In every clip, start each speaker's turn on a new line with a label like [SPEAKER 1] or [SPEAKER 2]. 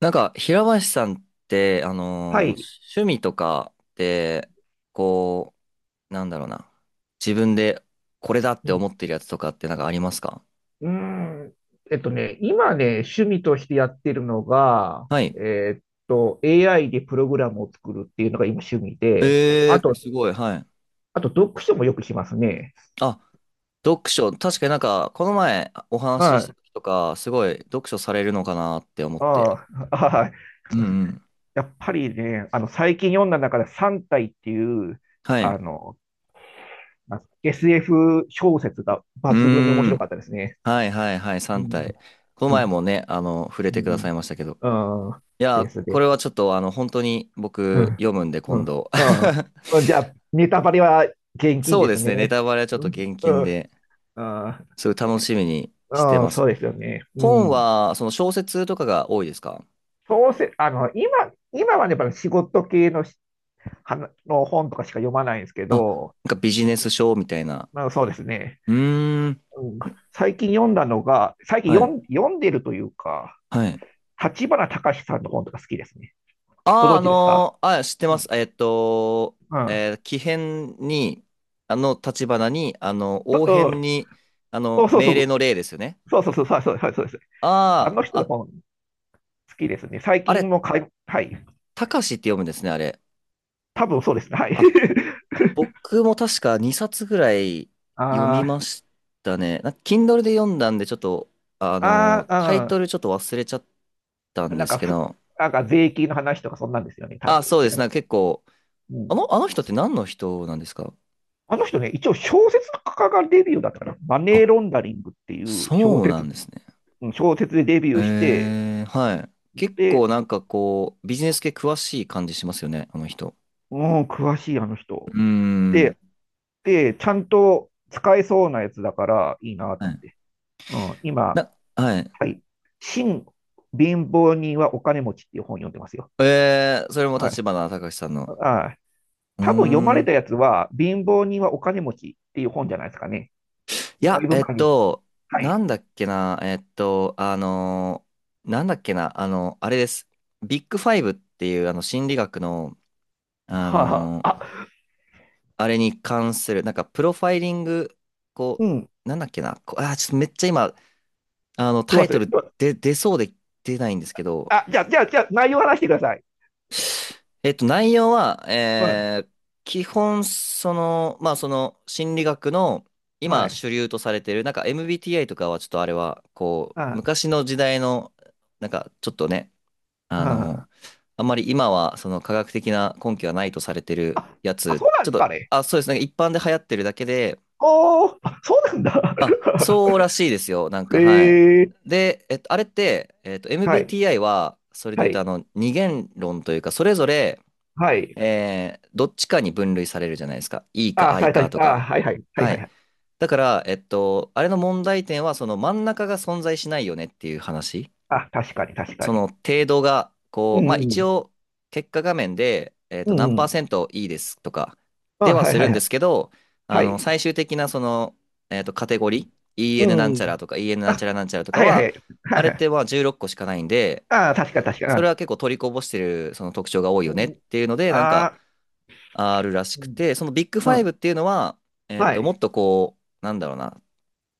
[SPEAKER 1] なんか、平林さんって、
[SPEAKER 2] はい。
[SPEAKER 1] 趣味とかって、こう、なんだろうな。自分でこれだっ
[SPEAKER 2] う
[SPEAKER 1] て思
[SPEAKER 2] ん。
[SPEAKER 1] ってるやつとかってなんかありますか？
[SPEAKER 2] うーん。今ね、趣味としてやってるのが、
[SPEAKER 1] はい。
[SPEAKER 2] えーっAI でプログラムを作るっていうのが今趣味で、
[SPEAKER 1] え
[SPEAKER 2] あ
[SPEAKER 1] ー、
[SPEAKER 2] と、
[SPEAKER 1] すごい、はい。
[SPEAKER 2] あと読書もよくしますね。
[SPEAKER 1] あ、読書、確かになんか、この前お話
[SPEAKER 2] は
[SPEAKER 1] しし
[SPEAKER 2] い。
[SPEAKER 1] た時とか、すごい読書されるのかなって思って。
[SPEAKER 2] ああ、はい。
[SPEAKER 1] うんうん。
[SPEAKER 2] やっぱりね、最近読んだ中で三体っていう、
[SPEAKER 1] はい。
[SPEAKER 2] あ
[SPEAKER 1] う
[SPEAKER 2] の、なんすか SF 小説が
[SPEAKER 1] ー
[SPEAKER 2] 抜群に面白
[SPEAKER 1] ん。
[SPEAKER 2] かったですね。
[SPEAKER 1] はいはいはい、
[SPEAKER 2] う
[SPEAKER 1] 3
[SPEAKER 2] ん。
[SPEAKER 1] 体。この
[SPEAKER 2] う
[SPEAKER 1] 前
[SPEAKER 2] ん。
[SPEAKER 1] もね、触れ
[SPEAKER 2] う
[SPEAKER 1] てくださ
[SPEAKER 2] ん。
[SPEAKER 1] いましたけど。
[SPEAKER 2] うん
[SPEAKER 1] い
[SPEAKER 2] で
[SPEAKER 1] や、
[SPEAKER 2] す
[SPEAKER 1] こ
[SPEAKER 2] ね
[SPEAKER 1] れはちょっと本当に
[SPEAKER 2] う
[SPEAKER 1] 僕
[SPEAKER 2] ん。
[SPEAKER 1] 読むんで
[SPEAKER 2] う
[SPEAKER 1] 今
[SPEAKER 2] ん。
[SPEAKER 1] 度。
[SPEAKER 2] ああ。うんじゃあ、ネタバレは厳禁
[SPEAKER 1] そう
[SPEAKER 2] で
[SPEAKER 1] で
[SPEAKER 2] す
[SPEAKER 1] すね、ネ
[SPEAKER 2] ね。
[SPEAKER 1] タバレはちょっ
[SPEAKER 2] う
[SPEAKER 1] と
[SPEAKER 2] ん。
[SPEAKER 1] 厳禁
[SPEAKER 2] うん。
[SPEAKER 1] で、
[SPEAKER 2] あ
[SPEAKER 1] すごい楽しみにして
[SPEAKER 2] あ、うん
[SPEAKER 1] ます。
[SPEAKER 2] そうですよね。う
[SPEAKER 1] 本
[SPEAKER 2] ん。
[SPEAKER 1] は、その小説とかが多いですか？
[SPEAKER 2] そうせ、今はね、やっぱり仕事系のし、はなの本とかしか読まないんですけ
[SPEAKER 1] あ、な
[SPEAKER 2] ど、
[SPEAKER 1] んかビジネス書みたいな。
[SPEAKER 2] まあ、そうですね。
[SPEAKER 1] うーん、
[SPEAKER 2] うん。最近読んだのが、最近
[SPEAKER 1] はい、
[SPEAKER 2] 読ん、読んでるというか、
[SPEAKER 1] はい。
[SPEAKER 2] 立花隆さんの本とか好きですね。ご
[SPEAKER 1] ああ、
[SPEAKER 2] 存知ですか？
[SPEAKER 1] あ、知って
[SPEAKER 2] う
[SPEAKER 1] ま
[SPEAKER 2] ん。
[SPEAKER 1] す。
[SPEAKER 2] うん。
[SPEAKER 1] 木偏に、立花に、
[SPEAKER 2] と
[SPEAKER 1] 応
[SPEAKER 2] う
[SPEAKER 1] 変
[SPEAKER 2] ん、
[SPEAKER 1] に、
[SPEAKER 2] そうそ
[SPEAKER 1] 命令
[SPEAKER 2] う。
[SPEAKER 1] の令ですよね。
[SPEAKER 2] そうそうそう、そうそうそうそうです。あ
[SPEAKER 1] あ
[SPEAKER 2] の
[SPEAKER 1] あ、
[SPEAKER 2] 人の
[SPEAKER 1] あ、
[SPEAKER 2] 本。好きですね。最
[SPEAKER 1] あ
[SPEAKER 2] 近
[SPEAKER 1] れ、
[SPEAKER 2] もかい、はい。
[SPEAKER 1] たかしって読むんですね、あれ。
[SPEAKER 2] 多分そうですね。はい。
[SPEAKER 1] あ、僕も確か2冊ぐらい読
[SPEAKER 2] あ
[SPEAKER 1] みましたね。なんか Kindle で読んだんで、ちょっと、
[SPEAKER 2] ー、
[SPEAKER 1] タイト
[SPEAKER 2] あ
[SPEAKER 1] ルちょっと忘れちゃった
[SPEAKER 2] ー、う
[SPEAKER 1] ん
[SPEAKER 2] ん。な
[SPEAKER 1] で
[SPEAKER 2] ん
[SPEAKER 1] す
[SPEAKER 2] か
[SPEAKER 1] け
[SPEAKER 2] ふ、
[SPEAKER 1] ど、
[SPEAKER 2] なんか税金の話とかそんなんですよね。多
[SPEAKER 1] あ、
[SPEAKER 2] 分
[SPEAKER 1] そう
[SPEAKER 2] 違
[SPEAKER 1] です。なん
[SPEAKER 2] う。
[SPEAKER 1] か結構、
[SPEAKER 2] うん。
[SPEAKER 1] あの人って何の人なんですか？
[SPEAKER 2] あの人ね、一応小説家がデビューだったかな。マネー
[SPEAKER 1] あ、
[SPEAKER 2] ロンダリングっていう小
[SPEAKER 1] そうな
[SPEAKER 2] 説、
[SPEAKER 1] んですね。
[SPEAKER 2] うん小説でデビューして、
[SPEAKER 1] えー、はい。結構
[SPEAKER 2] で、
[SPEAKER 1] なんかこう、ビジネス系詳しい感じしますよね、あの人。
[SPEAKER 2] うん、詳しいあの人。
[SPEAKER 1] うーん。
[SPEAKER 2] で、で、ちゃんと使えそうなやつだからいいな
[SPEAKER 1] は
[SPEAKER 2] と思っ
[SPEAKER 1] い。
[SPEAKER 2] て。うん、今、
[SPEAKER 1] はい。
[SPEAKER 2] はい。新貧乏人はお金持ちっていう本読んでますよ。
[SPEAKER 1] えー、それも
[SPEAKER 2] は
[SPEAKER 1] 立
[SPEAKER 2] い。
[SPEAKER 1] 花隆さんの。
[SPEAKER 2] はい。
[SPEAKER 1] うー
[SPEAKER 2] 多分読まれ
[SPEAKER 1] ん。
[SPEAKER 2] たやつは、貧乏人はお金持ちっていう本じゃないですかね。
[SPEAKER 1] い
[SPEAKER 2] だ
[SPEAKER 1] や、
[SPEAKER 2] いぶ前に。は
[SPEAKER 1] な
[SPEAKER 2] い。
[SPEAKER 1] んだっけな、なんだっけな、あれです。ビッグファイブっていう、心理学の、あ
[SPEAKER 2] は
[SPEAKER 1] の
[SPEAKER 2] あ、
[SPEAKER 1] ー
[SPEAKER 2] あ、
[SPEAKER 1] あれに関する、なんか、プロファイリング、こ
[SPEAKER 2] うん。
[SPEAKER 1] う、なんだっけな、ちょっとめっちゃ今、
[SPEAKER 2] ど
[SPEAKER 1] タ
[SPEAKER 2] う
[SPEAKER 1] イ
[SPEAKER 2] 忘
[SPEAKER 1] ト
[SPEAKER 2] れ。
[SPEAKER 1] ル
[SPEAKER 2] どう
[SPEAKER 1] で、出そうで出ないんですけど、
[SPEAKER 2] あ、じゃあ、じゃあ、じゃあ、内容話してください。
[SPEAKER 1] 内容は、
[SPEAKER 2] はい。
[SPEAKER 1] 基本、その、まあ、その、心理学の、
[SPEAKER 2] は
[SPEAKER 1] 今、
[SPEAKER 2] い。
[SPEAKER 1] 主流とされてる、なんか MBTI とかは、ちょっとあれは、こう、
[SPEAKER 2] あ、
[SPEAKER 1] 昔の時代の、なんか、ちょっとね、あの、
[SPEAKER 2] あ、
[SPEAKER 1] あんまり今は、その、科学的な根拠はないとされてるや
[SPEAKER 2] あ
[SPEAKER 1] つ、
[SPEAKER 2] そうなん
[SPEAKER 1] ちょ
[SPEAKER 2] で
[SPEAKER 1] っ
[SPEAKER 2] す
[SPEAKER 1] と、
[SPEAKER 2] かね。
[SPEAKER 1] あ、そうですね、一般で流行ってるだけで、
[SPEAKER 2] おー、あそうなんだ。
[SPEAKER 1] あ、そうらしいですよ、なん か、はい。
[SPEAKER 2] えー、
[SPEAKER 1] で、あれって、
[SPEAKER 2] はい、
[SPEAKER 1] MBTI は、それ
[SPEAKER 2] は
[SPEAKER 1] で言うと、
[SPEAKER 2] い、
[SPEAKER 1] 二元論というか、それぞれ、
[SPEAKER 2] はい。
[SPEAKER 1] どっちかに分類されるじゃないですか。E か
[SPEAKER 2] あ、
[SPEAKER 1] I
[SPEAKER 2] さ
[SPEAKER 1] か
[SPEAKER 2] れ
[SPEAKER 1] と
[SPEAKER 2] た、あ、
[SPEAKER 1] か。
[SPEAKER 2] はいはい、はい
[SPEAKER 1] は
[SPEAKER 2] はいは
[SPEAKER 1] い。
[SPEAKER 2] い。
[SPEAKER 1] だから、あれの問題点は、その真ん中が存在しないよねっていう話。
[SPEAKER 2] あ、確かに、確か
[SPEAKER 1] そ
[SPEAKER 2] に。
[SPEAKER 1] の程度が、
[SPEAKER 2] う
[SPEAKER 1] こう、まあ
[SPEAKER 2] ん、う
[SPEAKER 1] 一
[SPEAKER 2] ん、
[SPEAKER 1] 応、結果画面で、
[SPEAKER 2] うん、
[SPEAKER 1] 何
[SPEAKER 2] う
[SPEAKER 1] パー
[SPEAKER 2] ん。
[SPEAKER 1] セント E ですとか、で
[SPEAKER 2] あ、
[SPEAKER 1] は
[SPEAKER 2] はい
[SPEAKER 1] す
[SPEAKER 2] は
[SPEAKER 1] るん
[SPEAKER 2] いは
[SPEAKER 1] で
[SPEAKER 2] い。
[SPEAKER 1] すけど、
[SPEAKER 2] はい。
[SPEAKER 1] 最終的なその、カテゴリー、
[SPEAKER 2] う
[SPEAKER 1] EN なん
[SPEAKER 2] んう
[SPEAKER 1] ちゃら
[SPEAKER 2] ん。
[SPEAKER 1] とか EN なんち
[SPEAKER 2] あ、
[SPEAKER 1] ゃらなんちゃらとか
[SPEAKER 2] はいはい、
[SPEAKER 1] は、
[SPEAKER 2] は
[SPEAKER 1] あ
[SPEAKER 2] い
[SPEAKER 1] れ
[SPEAKER 2] は
[SPEAKER 1] っ
[SPEAKER 2] い。
[SPEAKER 1] てまあ16個しかないんで、
[SPEAKER 2] あ、確かに、確か
[SPEAKER 1] それは
[SPEAKER 2] に。
[SPEAKER 1] 結構取りこぼしてるその特徴が多い
[SPEAKER 2] う
[SPEAKER 1] よねっ
[SPEAKER 2] ん
[SPEAKER 1] ていうので、なんか、
[SPEAKER 2] あ
[SPEAKER 1] あるらし
[SPEAKER 2] ー、う
[SPEAKER 1] く
[SPEAKER 2] ん
[SPEAKER 1] て、そのビッグファイ
[SPEAKER 2] あ、
[SPEAKER 1] ブっていうのは、
[SPEAKER 2] は
[SPEAKER 1] も
[SPEAKER 2] い。
[SPEAKER 1] っとこう、なんだろうな、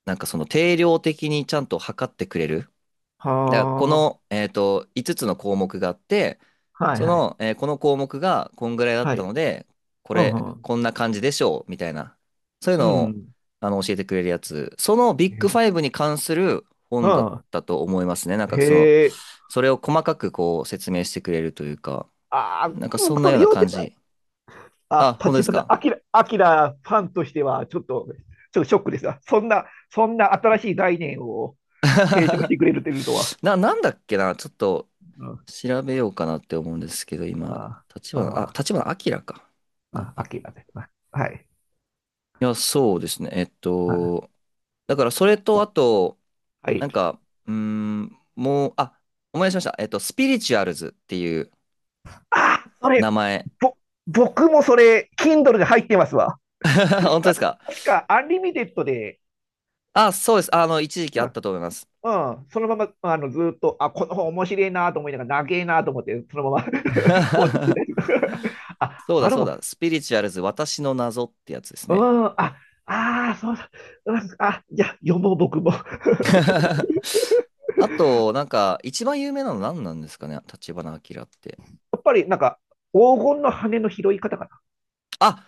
[SPEAKER 1] なんかその定量的にちゃんと測ってくれる。
[SPEAKER 2] は
[SPEAKER 1] だからこ
[SPEAKER 2] あ、
[SPEAKER 1] の、5つつの項目があって、
[SPEAKER 2] はい
[SPEAKER 1] そ
[SPEAKER 2] はい。
[SPEAKER 1] の、この項目がこんぐらいだっ
[SPEAKER 2] は
[SPEAKER 1] た
[SPEAKER 2] い。
[SPEAKER 1] ので、こ
[SPEAKER 2] う
[SPEAKER 1] れ、
[SPEAKER 2] んうん。
[SPEAKER 1] こんな感じでしょう、みたいな。そういう
[SPEAKER 2] う
[SPEAKER 1] のを、
[SPEAKER 2] ん。
[SPEAKER 1] 教えてくれるやつ。そのビッグファ
[SPEAKER 2] え
[SPEAKER 1] イブに関する
[SPEAKER 2] う
[SPEAKER 1] 本だっ
[SPEAKER 2] ん。
[SPEAKER 1] たと思いますね。なんかその、
[SPEAKER 2] へえ。
[SPEAKER 1] それを細かくこう説明してくれるというか、
[SPEAKER 2] ああ、
[SPEAKER 1] なんかそ
[SPEAKER 2] 僕
[SPEAKER 1] んな
[SPEAKER 2] そ
[SPEAKER 1] よう
[SPEAKER 2] れ
[SPEAKER 1] な
[SPEAKER 2] 読んで
[SPEAKER 1] 感
[SPEAKER 2] ない。
[SPEAKER 1] じ。
[SPEAKER 2] あ、
[SPEAKER 1] あ、本当で
[SPEAKER 2] 立
[SPEAKER 1] す
[SPEAKER 2] 花、
[SPEAKER 1] か。
[SPEAKER 2] あきら、あきらファンとしては、ちょっと、ショックですわ。そんな、そんな新しい概念を提唱し てくれるというとは。
[SPEAKER 1] なんだっけな、ちょっと
[SPEAKER 2] うん。
[SPEAKER 1] 調べようかなって思うんですけど、今、あ、
[SPEAKER 2] あああ
[SPEAKER 1] 立花明か。
[SPEAKER 2] ああ
[SPEAKER 1] 明。
[SPEAKER 2] あ
[SPEAKER 1] い
[SPEAKER 2] きらです。あはい。
[SPEAKER 1] や、そうですね。
[SPEAKER 2] あ
[SPEAKER 1] だからそれと、あと、
[SPEAKER 2] はい。
[SPEAKER 1] なんか、うーん、もう、あ、思い出しました。スピリチュアルズっていう
[SPEAKER 2] ああそ
[SPEAKER 1] 名
[SPEAKER 2] れ、
[SPEAKER 1] 前。
[SPEAKER 2] ぼ、僕もそれ、Kindle で入ってますわ。確
[SPEAKER 1] 本当で
[SPEAKER 2] か、
[SPEAKER 1] すか？
[SPEAKER 2] 確か、アンリミテッドで、
[SPEAKER 1] あ、そうです。一時期あ
[SPEAKER 2] うん、
[SPEAKER 1] ったと思います。
[SPEAKER 2] うん、そのまま、あの、ずーっと、あ、この本面白いなと思いながら、長えなと思って、そのまま 放置してたりとか あ、
[SPEAKER 1] そうだ、
[SPEAKER 2] あの
[SPEAKER 1] そう
[SPEAKER 2] 本、
[SPEAKER 1] だ。スピリチュアルズ、私の謎ってやつです
[SPEAKER 2] う
[SPEAKER 1] ね。
[SPEAKER 2] ん、あ、ああ、そうだ、うん、あ、じゃあ読もう、僕も や
[SPEAKER 1] あと、なんか、一番有名なの何なんですかね、立花明って。
[SPEAKER 2] っぱり、なんか、黄金の羽の拾い方か
[SPEAKER 1] あ、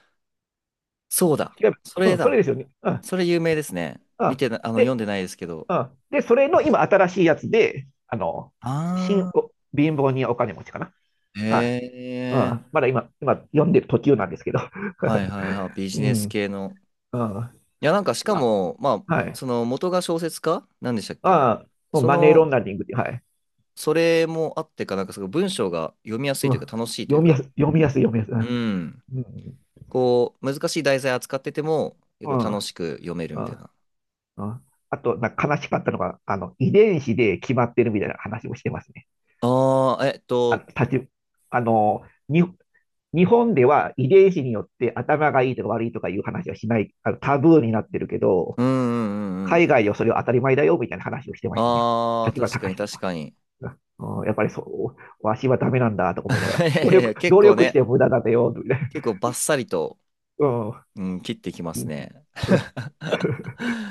[SPEAKER 1] そうだ。
[SPEAKER 2] な。違う。
[SPEAKER 1] そ
[SPEAKER 2] う
[SPEAKER 1] れ
[SPEAKER 2] ん、それで
[SPEAKER 1] だ。
[SPEAKER 2] すよね。うん、
[SPEAKER 1] それ有名ですね。
[SPEAKER 2] う
[SPEAKER 1] 見
[SPEAKER 2] ん。
[SPEAKER 1] てな、あの、読ん
[SPEAKER 2] で、
[SPEAKER 1] でないですけど。
[SPEAKER 2] うん。で、それの今、新しいやつで、あの、新
[SPEAKER 1] あ
[SPEAKER 2] お、貧乏人お金持ちかな。
[SPEAKER 1] あ。
[SPEAKER 2] はい。
[SPEAKER 1] へ
[SPEAKER 2] う
[SPEAKER 1] え。
[SPEAKER 2] ん。まだ今、読んでる途中なんですけど。
[SPEAKER 1] はいはいはい。ビ
[SPEAKER 2] う
[SPEAKER 1] ジネ
[SPEAKER 2] ん。
[SPEAKER 1] ス
[SPEAKER 2] うん。
[SPEAKER 1] 系の。
[SPEAKER 2] ま
[SPEAKER 1] いや、なんか、しか
[SPEAKER 2] あ、
[SPEAKER 1] も、まあ、
[SPEAKER 2] はい。
[SPEAKER 1] その、元が小説家なんでしたっけ？
[SPEAKER 2] ああ、
[SPEAKER 1] そ
[SPEAKER 2] マネーロ
[SPEAKER 1] の、
[SPEAKER 2] ンダリングって、はい。
[SPEAKER 1] それもあってか、なんか、すごい文章が読みやすい
[SPEAKER 2] う
[SPEAKER 1] と
[SPEAKER 2] ん。
[SPEAKER 1] いうか、楽しいというか。
[SPEAKER 2] 読みやすい、読みやす
[SPEAKER 1] うん。
[SPEAKER 2] い。うん。
[SPEAKER 1] こう、難しい題材扱ってても、
[SPEAKER 2] う
[SPEAKER 1] 結
[SPEAKER 2] ん。
[SPEAKER 1] 構
[SPEAKER 2] う
[SPEAKER 1] 楽
[SPEAKER 2] ん。
[SPEAKER 1] しく読める
[SPEAKER 2] う
[SPEAKER 1] みたい
[SPEAKER 2] ん
[SPEAKER 1] な。
[SPEAKER 2] うんあと、なんか悲しかったのが、あの、遺伝子で決まってるみたいな話もしてますね。
[SPEAKER 1] ああ、
[SPEAKER 2] あの、たち、あの、に、日本では遺伝子によって頭がいいとか悪いとかいう話はしない、あの、タブーになってるけど、
[SPEAKER 1] うんうんうんう
[SPEAKER 2] 海
[SPEAKER 1] ん。
[SPEAKER 2] 外ではそれは当たり前だよみたいな話をしてましたね。
[SPEAKER 1] ああ、
[SPEAKER 2] 立花
[SPEAKER 1] 確かに
[SPEAKER 2] 隆さん
[SPEAKER 1] 確
[SPEAKER 2] は。
[SPEAKER 1] かに。
[SPEAKER 2] うん、うんやっぱりそう、わしはダメなんだとか思いながら、
[SPEAKER 1] いやいや結
[SPEAKER 2] 努
[SPEAKER 1] 構
[SPEAKER 2] 力し
[SPEAKER 1] ね、
[SPEAKER 2] て無駄だよ、みたいな。
[SPEAKER 1] 結構バッサリと、うん、切ってきま
[SPEAKER 2] うん。
[SPEAKER 1] すね。
[SPEAKER 2] っ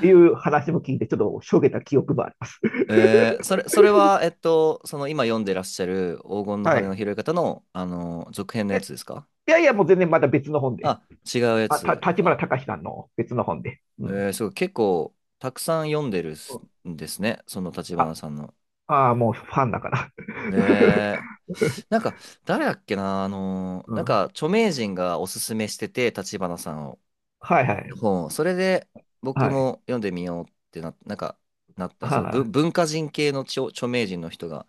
[SPEAKER 2] ていう 話も聞いて、ちょっとしょげた記憶もあります。
[SPEAKER 1] えー、それは、その今読んでらっしゃる黄金の
[SPEAKER 2] は
[SPEAKER 1] 羽の
[SPEAKER 2] い。
[SPEAKER 1] 拾い方の、続編の
[SPEAKER 2] い
[SPEAKER 1] や
[SPEAKER 2] や、い
[SPEAKER 1] つですか？
[SPEAKER 2] やいや、もう全然まだ別の本で。
[SPEAKER 1] あ、違うやつ。
[SPEAKER 2] 立花
[SPEAKER 1] あ、
[SPEAKER 2] 隆さんの別の本で。うん。
[SPEAKER 1] えー、すごい、結構、たくさん読んでるすんですね、その立花
[SPEAKER 2] あ、
[SPEAKER 1] さんの。
[SPEAKER 2] ああもうファンだから。
[SPEAKER 1] え ー、なんか、誰だっけな、
[SPEAKER 2] う
[SPEAKER 1] なん
[SPEAKER 2] ん。
[SPEAKER 1] か、著名人がおすすめしてて、立花さんを。
[SPEAKER 2] はいはい。
[SPEAKER 1] 本を、それで僕
[SPEAKER 2] はい。
[SPEAKER 1] も読んでみようってな、なんか、なったんですぶ
[SPEAKER 2] はい。
[SPEAKER 1] 文化人系の著名人の人が、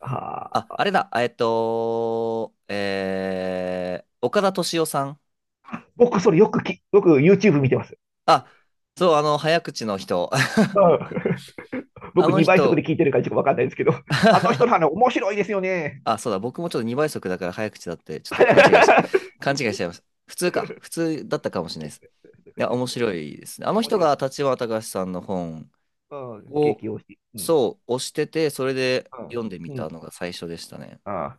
[SPEAKER 2] は
[SPEAKER 1] あ、
[SPEAKER 2] あ。
[SPEAKER 1] あれだ、岡田敏夫さん。
[SPEAKER 2] 僕、それよくき、よく YouTube 見てます。
[SPEAKER 1] あ、そう、早口の人。
[SPEAKER 2] う ん。
[SPEAKER 1] あ
[SPEAKER 2] 僕、
[SPEAKER 1] の
[SPEAKER 2] 2倍速
[SPEAKER 1] 人、
[SPEAKER 2] で聞いてるからちょっとわかんないですけど、あの人の話 面白いですよね。
[SPEAKER 1] あ、そうだ、僕もちょっと2倍速だから早口だって、ちょっと勘違いしちゃいました。普通か、普通だったかもしれないです。いや、面白いですね。あの
[SPEAKER 2] 面
[SPEAKER 1] 人
[SPEAKER 2] 白い
[SPEAKER 1] が
[SPEAKER 2] です。
[SPEAKER 1] 立花隆さんの本
[SPEAKER 2] うん。
[SPEAKER 1] を、
[SPEAKER 2] 激推し。うん。
[SPEAKER 1] そう、押してて、それで
[SPEAKER 2] うん。
[SPEAKER 1] 読んでみ
[SPEAKER 2] う
[SPEAKER 1] た
[SPEAKER 2] ん。
[SPEAKER 1] のが最初でしたね。
[SPEAKER 2] ああ。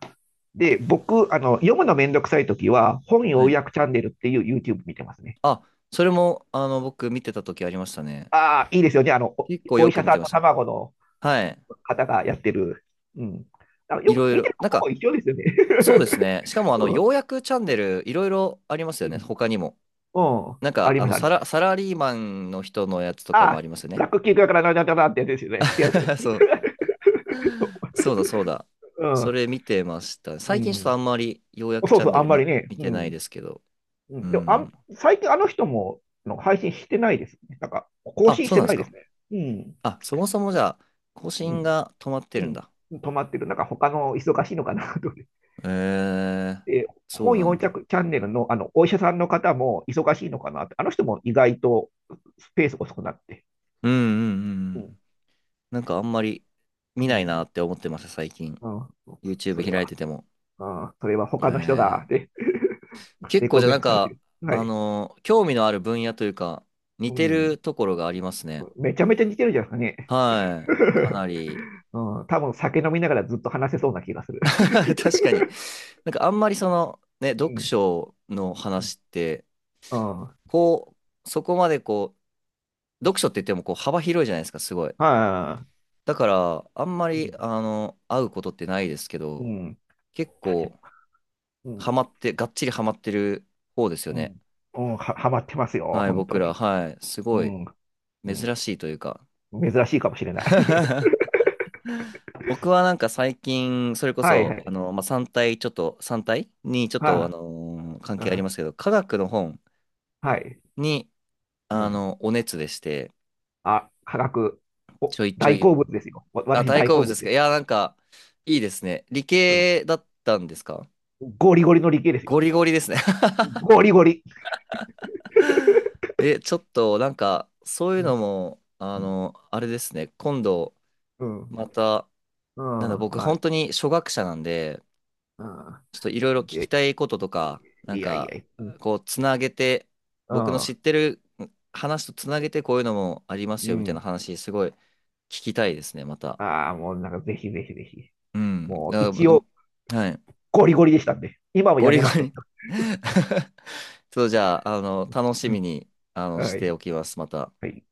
[SPEAKER 2] で、僕、あの、読むのめんどくさいときは、本
[SPEAKER 1] は
[SPEAKER 2] 要
[SPEAKER 1] い。
[SPEAKER 2] 約チャンネルっていう YouTube 見てますね。
[SPEAKER 1] あ、それも、僕見てた時ありましたね。
[SPEAKER 2] ああ、いいですよね。
[SPEAKER 1] 結構
[SPEAKER 2] お
[SPEAKER 1] よ
[SPEAKER 2] 医
[SPEAKER 1] く
[SPEAKER 2] 者
[SPEAKER 1] 見
[SPEAKER 2] さ
[SPEAKER 1] て
[SPEAKER 2] ん
[SPEAKER 1] ま
[SPEAKER 2] と
[SPEAKER 1] した。
[SPEAKER 2] 卵の
[SPEAKER 1] はい。
[SPEAKER 2] 方がやってる。うん。あの、
[SPEAKER 1] い
[SPEAKER 2] よく
[SPEAKER 1] ろい
[SPEAKER 2] 見て
[SPEAKER 1] ろ。
[SPEAKER 2] ると
[SPEAKER 1] なん
[SPEAKER 2] こも
[SPEAKER 1] か、
[SPEAKER 2] 一緒ですよね。
[SPEAKER 1] そうですね。しかも、
[SPEAKER 2] う
[SPEAKER 1] よ
[SPEAKER 2] ん。
[SPEAKER 1] うやくチャンネル、いろいろあります
[SPEAKER 2] う
[SPEAKER 1] よね。
[SPEAKER 2] ん。
[SPEAKER 1] 他にも。
[SPEAKER 2] うん。
[SPEAKER 1] なん
[SPEAKER 2] あ
[SPEAKER 1] か、
[SPEAKER 2] ります、あります。
[SPEAKER 1] サラリーマンの人のやつとか
[SPEAKER 2] あ
[SPEAKER 1] もあ
[SPEAKER 2] あ、
[SPEAKER 1] りますよ
[SPEAKER 2] ブラ
[SPEAKER 1] ね。
[SPEAKER 2] ック企業からなんだかなってやつですよね。違いますね。
[SPEAKER 1] そう。そうだ、そうだ。それ見 てました。
[SPEAKER 2] うん。
[SPEAKER 1] 最近ちょっと
[SPEAKER 2] う
[SPEAKER 1] あ
[SPEAKER 2] ん。
[SPEAKER 1] んまり、ようやく
[SPEAKER 2] そ
[SPEAKER 1] チ
[SPEAKER 2] う
[SPEAKER 1] ャ
[SPEAKER 2] そ
[SPEAKER 1] ン
[SPEAKER 2] う、
[SPEAKER 1] ネ
[SPEAKER 2] あん
[SPEAKER 1] ル
[SPEAKER 2] まりね。
[SPEAKER 1] 見
[SPEAKER 2] う
[SPEAKER 1] てない
[SPEAKER 2] ん。
[SPEAKER 1] ですけど。
[SPEAKER 2] う
[SPEAKER 1] う
[SPEAKER 2] ん。でも、あ
[SPEAKER 1] ん。
[SPEAKER 2] ん、最近あの人も、の配信してないですね。なんか、更
[SPEAKER 1] あ、
[SPEAKER 2] 新し
[SPEAKER 1] そう
[SPEAKER 2] て
[SPEAKER 1] なんで
[SPEAKER 2] な
[SPEAKER 1] す
[SPEAKER 2] いで
[SPEAKER 1] か。
[SPEAKER 2] すね。うん。
[SPEAKER 1] あ、そもそもじゃあ、更
[SPEAKER 2] う
[SPEAKER 1] 新
[SPEAKER 2] ん。
[SPEAKER 1] が止まって
[SPEAKER 2] う
[SPEAKER 1] るんだ。
[SPEAKER 2] ん、止まってる。なんか他の忙しいのかなと思って。
[SPEAKER 1] えー、
[SPEAKER 2] で
[SPEAKER 1] そう
[SPEAKER 2] 本
[SPEAKER 1] なん
[SPEAKER 2] 4
[SPEAKER 1] だ。
[SPEAKER 2] 着チャンネルの、あのお医者さんの方も忙しいのかなって、あの人も意外とスペース遅くなって、
[SPEAKER 1] うんうんうんう
[SPEAKER 2] うん
[SPEAKER 1] ん。なんかあんまり見
[SPEAKER 2] う
[SPEAKER 1] ないな
[SPEAKER 2] ん
[SPEAKER 1] って思ってます最近。
[SPEAKER 2] うんそ
[SPEAKER 1] YouTube
[SPEAKER 2] れ
[SPEAKER 1] 開い
[SPEAKER 2] は、
[SPEAKER 1] てても。
[SPEAKER 2] うん、それは
[SPEAKER 1] え
[SPEAKER 2] 他の人が、
[SPEAKER 1] ー、
[SPEAKER 2] ね、
[SPEAKER 1] 結
[SPEAKER 2] レ
[SPEAKER 1] 構
[SPEAKER 2] コ
[SPEAKER 1] じゃあ
[SPEAKER 2] メン
[SPEAKER 1] なん
[SPEAKER 2] トされて
[SPEAKER 1] か、
[SPEAKER 2] る。はい、
[SPEAKER 1] 興味のある分野というか、似
[SPEAKER 2] う
[SPEAKER 1] て
[SPEAKER 2] ん、
[SPEAKER 1] るところがありますね。
[SPEAKER 2] めちゃめちゃ似てるじゃないですかね。
[SPEAKER 1] はい。かなり。
[SPEAKER 2] うん、多分酒飲みながらずっと話せそうな気がする。
[SPEAKER 1] 確かに。なんかあんまりその、ね、
[SPEAKER 2] う
[SPEAKER 1] 読
[SPEAKER 2] ん、
[SPEAKER 1] 書の
[SPEAKER 2] うん
[SPEAKER 1] 話って、
[SPEAKER 2] うん、はい、
[SPEAKER 1] こう、そこまでこう、読書って言ってもこう幅広いじゃないですか、すごい。
[SPEAKER 2] あ
[SPEAKER 1] だから、あんま
[SPEAKER 2] う
[SPEAKER 1] り、
[SPEAKER 2] ん、
[SPEAKER 1] 会うことってないですけ
[SPEAKER 2] う
[SPEAKER 1] ど、
[SPEAKER 2] ん、
[SPEAKER 1] 結構、
[SPEAKER 2] う
[SPEAKER 1] ハ
[SPEAKER 2] ん
[SPEAKER 1] マって、がっちりハマってる方ですよ
[SPEAKER 2] う
[SPEAKER 1] ね。
[SPEAKER 2] ん。うん、はまってますよ、
[SPEAKER 1] はい、
[SPEAKER 2] 本当
[SPEAKER 1] 僕ら、
[SPEAKER 2] に。
[SPEAKER 1] はい、す
[SPEAKER 2] う
[SPEAKER 1] ごい、
[SPEAKER 2] ん。
[SPEAKER 1] 珍
[SPEAKER 2] う
[SPEAKER 1] しいというか。
[SPEAKER 2] ん。珍しいかもしれない。
[SPEAKER 1] 僕はなんか最近、それこ
[SPEAKER 2] はいは
[SPEAKER 1] そ、
[SPEAKER 2] い。
[SPEAKER 1] まあ、3体、ちょっと、3体に、ちょっと、
[SPEAKER 2] は
[SPEAKER 1] 関
[SPEAKER 2] あ、う
[SPEAKER 1] 係ありま
[SPEAKER 2] ん。
[SPEAKER 1] すけど、科学の本
[SPEAKER 2] はい。
[SPEAKER 1] に、
[SPEAKER 2] うん。
[SPEAKER 1] お熱でして、
[SPEAKER 2] あ、化学。
[SPEAKER 1] ち
[SPEAKER 2] お、
[SPEAKER 1] ょいちょい
[SPEAKER 2] 大
[SPEAKER 1] 読ん
[SPEAKER 2] 好
[SPEAKER 1] で、
[SPEAKER 2] 物ですよ。
[SPEAKER 1] あ、
[SPEAKER 2] 私
[SPEAKER 1] 大
[SPEAKER 2] 大
[SPEAKER 1] 好
[SPEAKER 2] 好
[SPEAKER 1] 物で
[SPEAKER 2] 物
[SPEAKER 1] す
[SPEAKER 2] で
[SPEAKER 1] か。い
[SPEAKER 2] す。
[SPEAKER 1] や、なんか、いいですね。理
[SPEAKER 2] うん。
[SPEAKER 1] 系だったんですか？
[SPEAKER 2] ゴリゴリの理系です
[SPEAKER 1] ゴ
[SPEAKER 2] よ。
[SPEAKER 1] リゴリですね。
[SPEAKER 2] ゴリゴリ。
[SPEAKER 1] え、ちょっとなんか、そういう
[SPEAKER 2] うん。
[SPEAKER 1] のも、
[SPEAKER 2] うん。
[SPEAKER 1] あれですね、今度、
[SPEAKER 2] うん。
[SPEAKER 1] また、
[SPEAKER 2] うん
[SPEAKER 1] なんだ、僕、
[SPEAKER 2] まあ、
[SPEAKER 1] 本当に初学者なんで、
[SPEAKER 2] うん。
[SPEAKER 1] ちょっといろいろ聞
[SPEAKER 2] い
[SPEAKER 1] き
[SPEAKER 2] や
[SPEAKER 1] たいこととか、なん
[SPEAKER 2] いやい
[SPEAKER 1] か、
[SPEAKER 2] や。うん。
[SPEAKER 1] こう、つなげて、
[SPEAKER 2] う
[SPEAKER 1] 僕の知
[SPEAKER 2] ん。
[SPEAKER 1] ってる話とつなげて、こういうのもあります
[SPEAKER 2] う
[SPEAKER 1] よ、みたいな
[SPEAKER 2] ん
[SPEAKER 1] 話、すごい聞きたいですね、また。
[SPEAKER 2] ああ、もうなんかぜひぜひぜひ。
[SPEAKER 1] うん。
[SPEAKER 2] もう
[SPEAKER 1] だか
[SPEAKER 2] 一応
[SPEAKER 1] らはい。
[SPEAKER 2] ゴリゴリでしたんで。今も
[SPEAKER 1] ゴ
[SPEAKER 2] や
[SPEAKER 1] リ
[SPEAKER 2] め
[SPEAKER 1] ゴ
[SPEAKER 2] ましたけ
[SPEAKER 1] リ
[SPEAKER 2] ど。
[SPEAKER 1] そう、じゃあ、楽し
[SPEAKER 2] う
[SPEAKER 1] み
[SPEAKER 2] ん。
[SPEAKER 1] に、し
[SPEAKER 2] は
[SPEAKER 1] て
[SPEAKER 2] い。
[SPEAKER 1] おきます、また。
[SPEAKER 2] はい。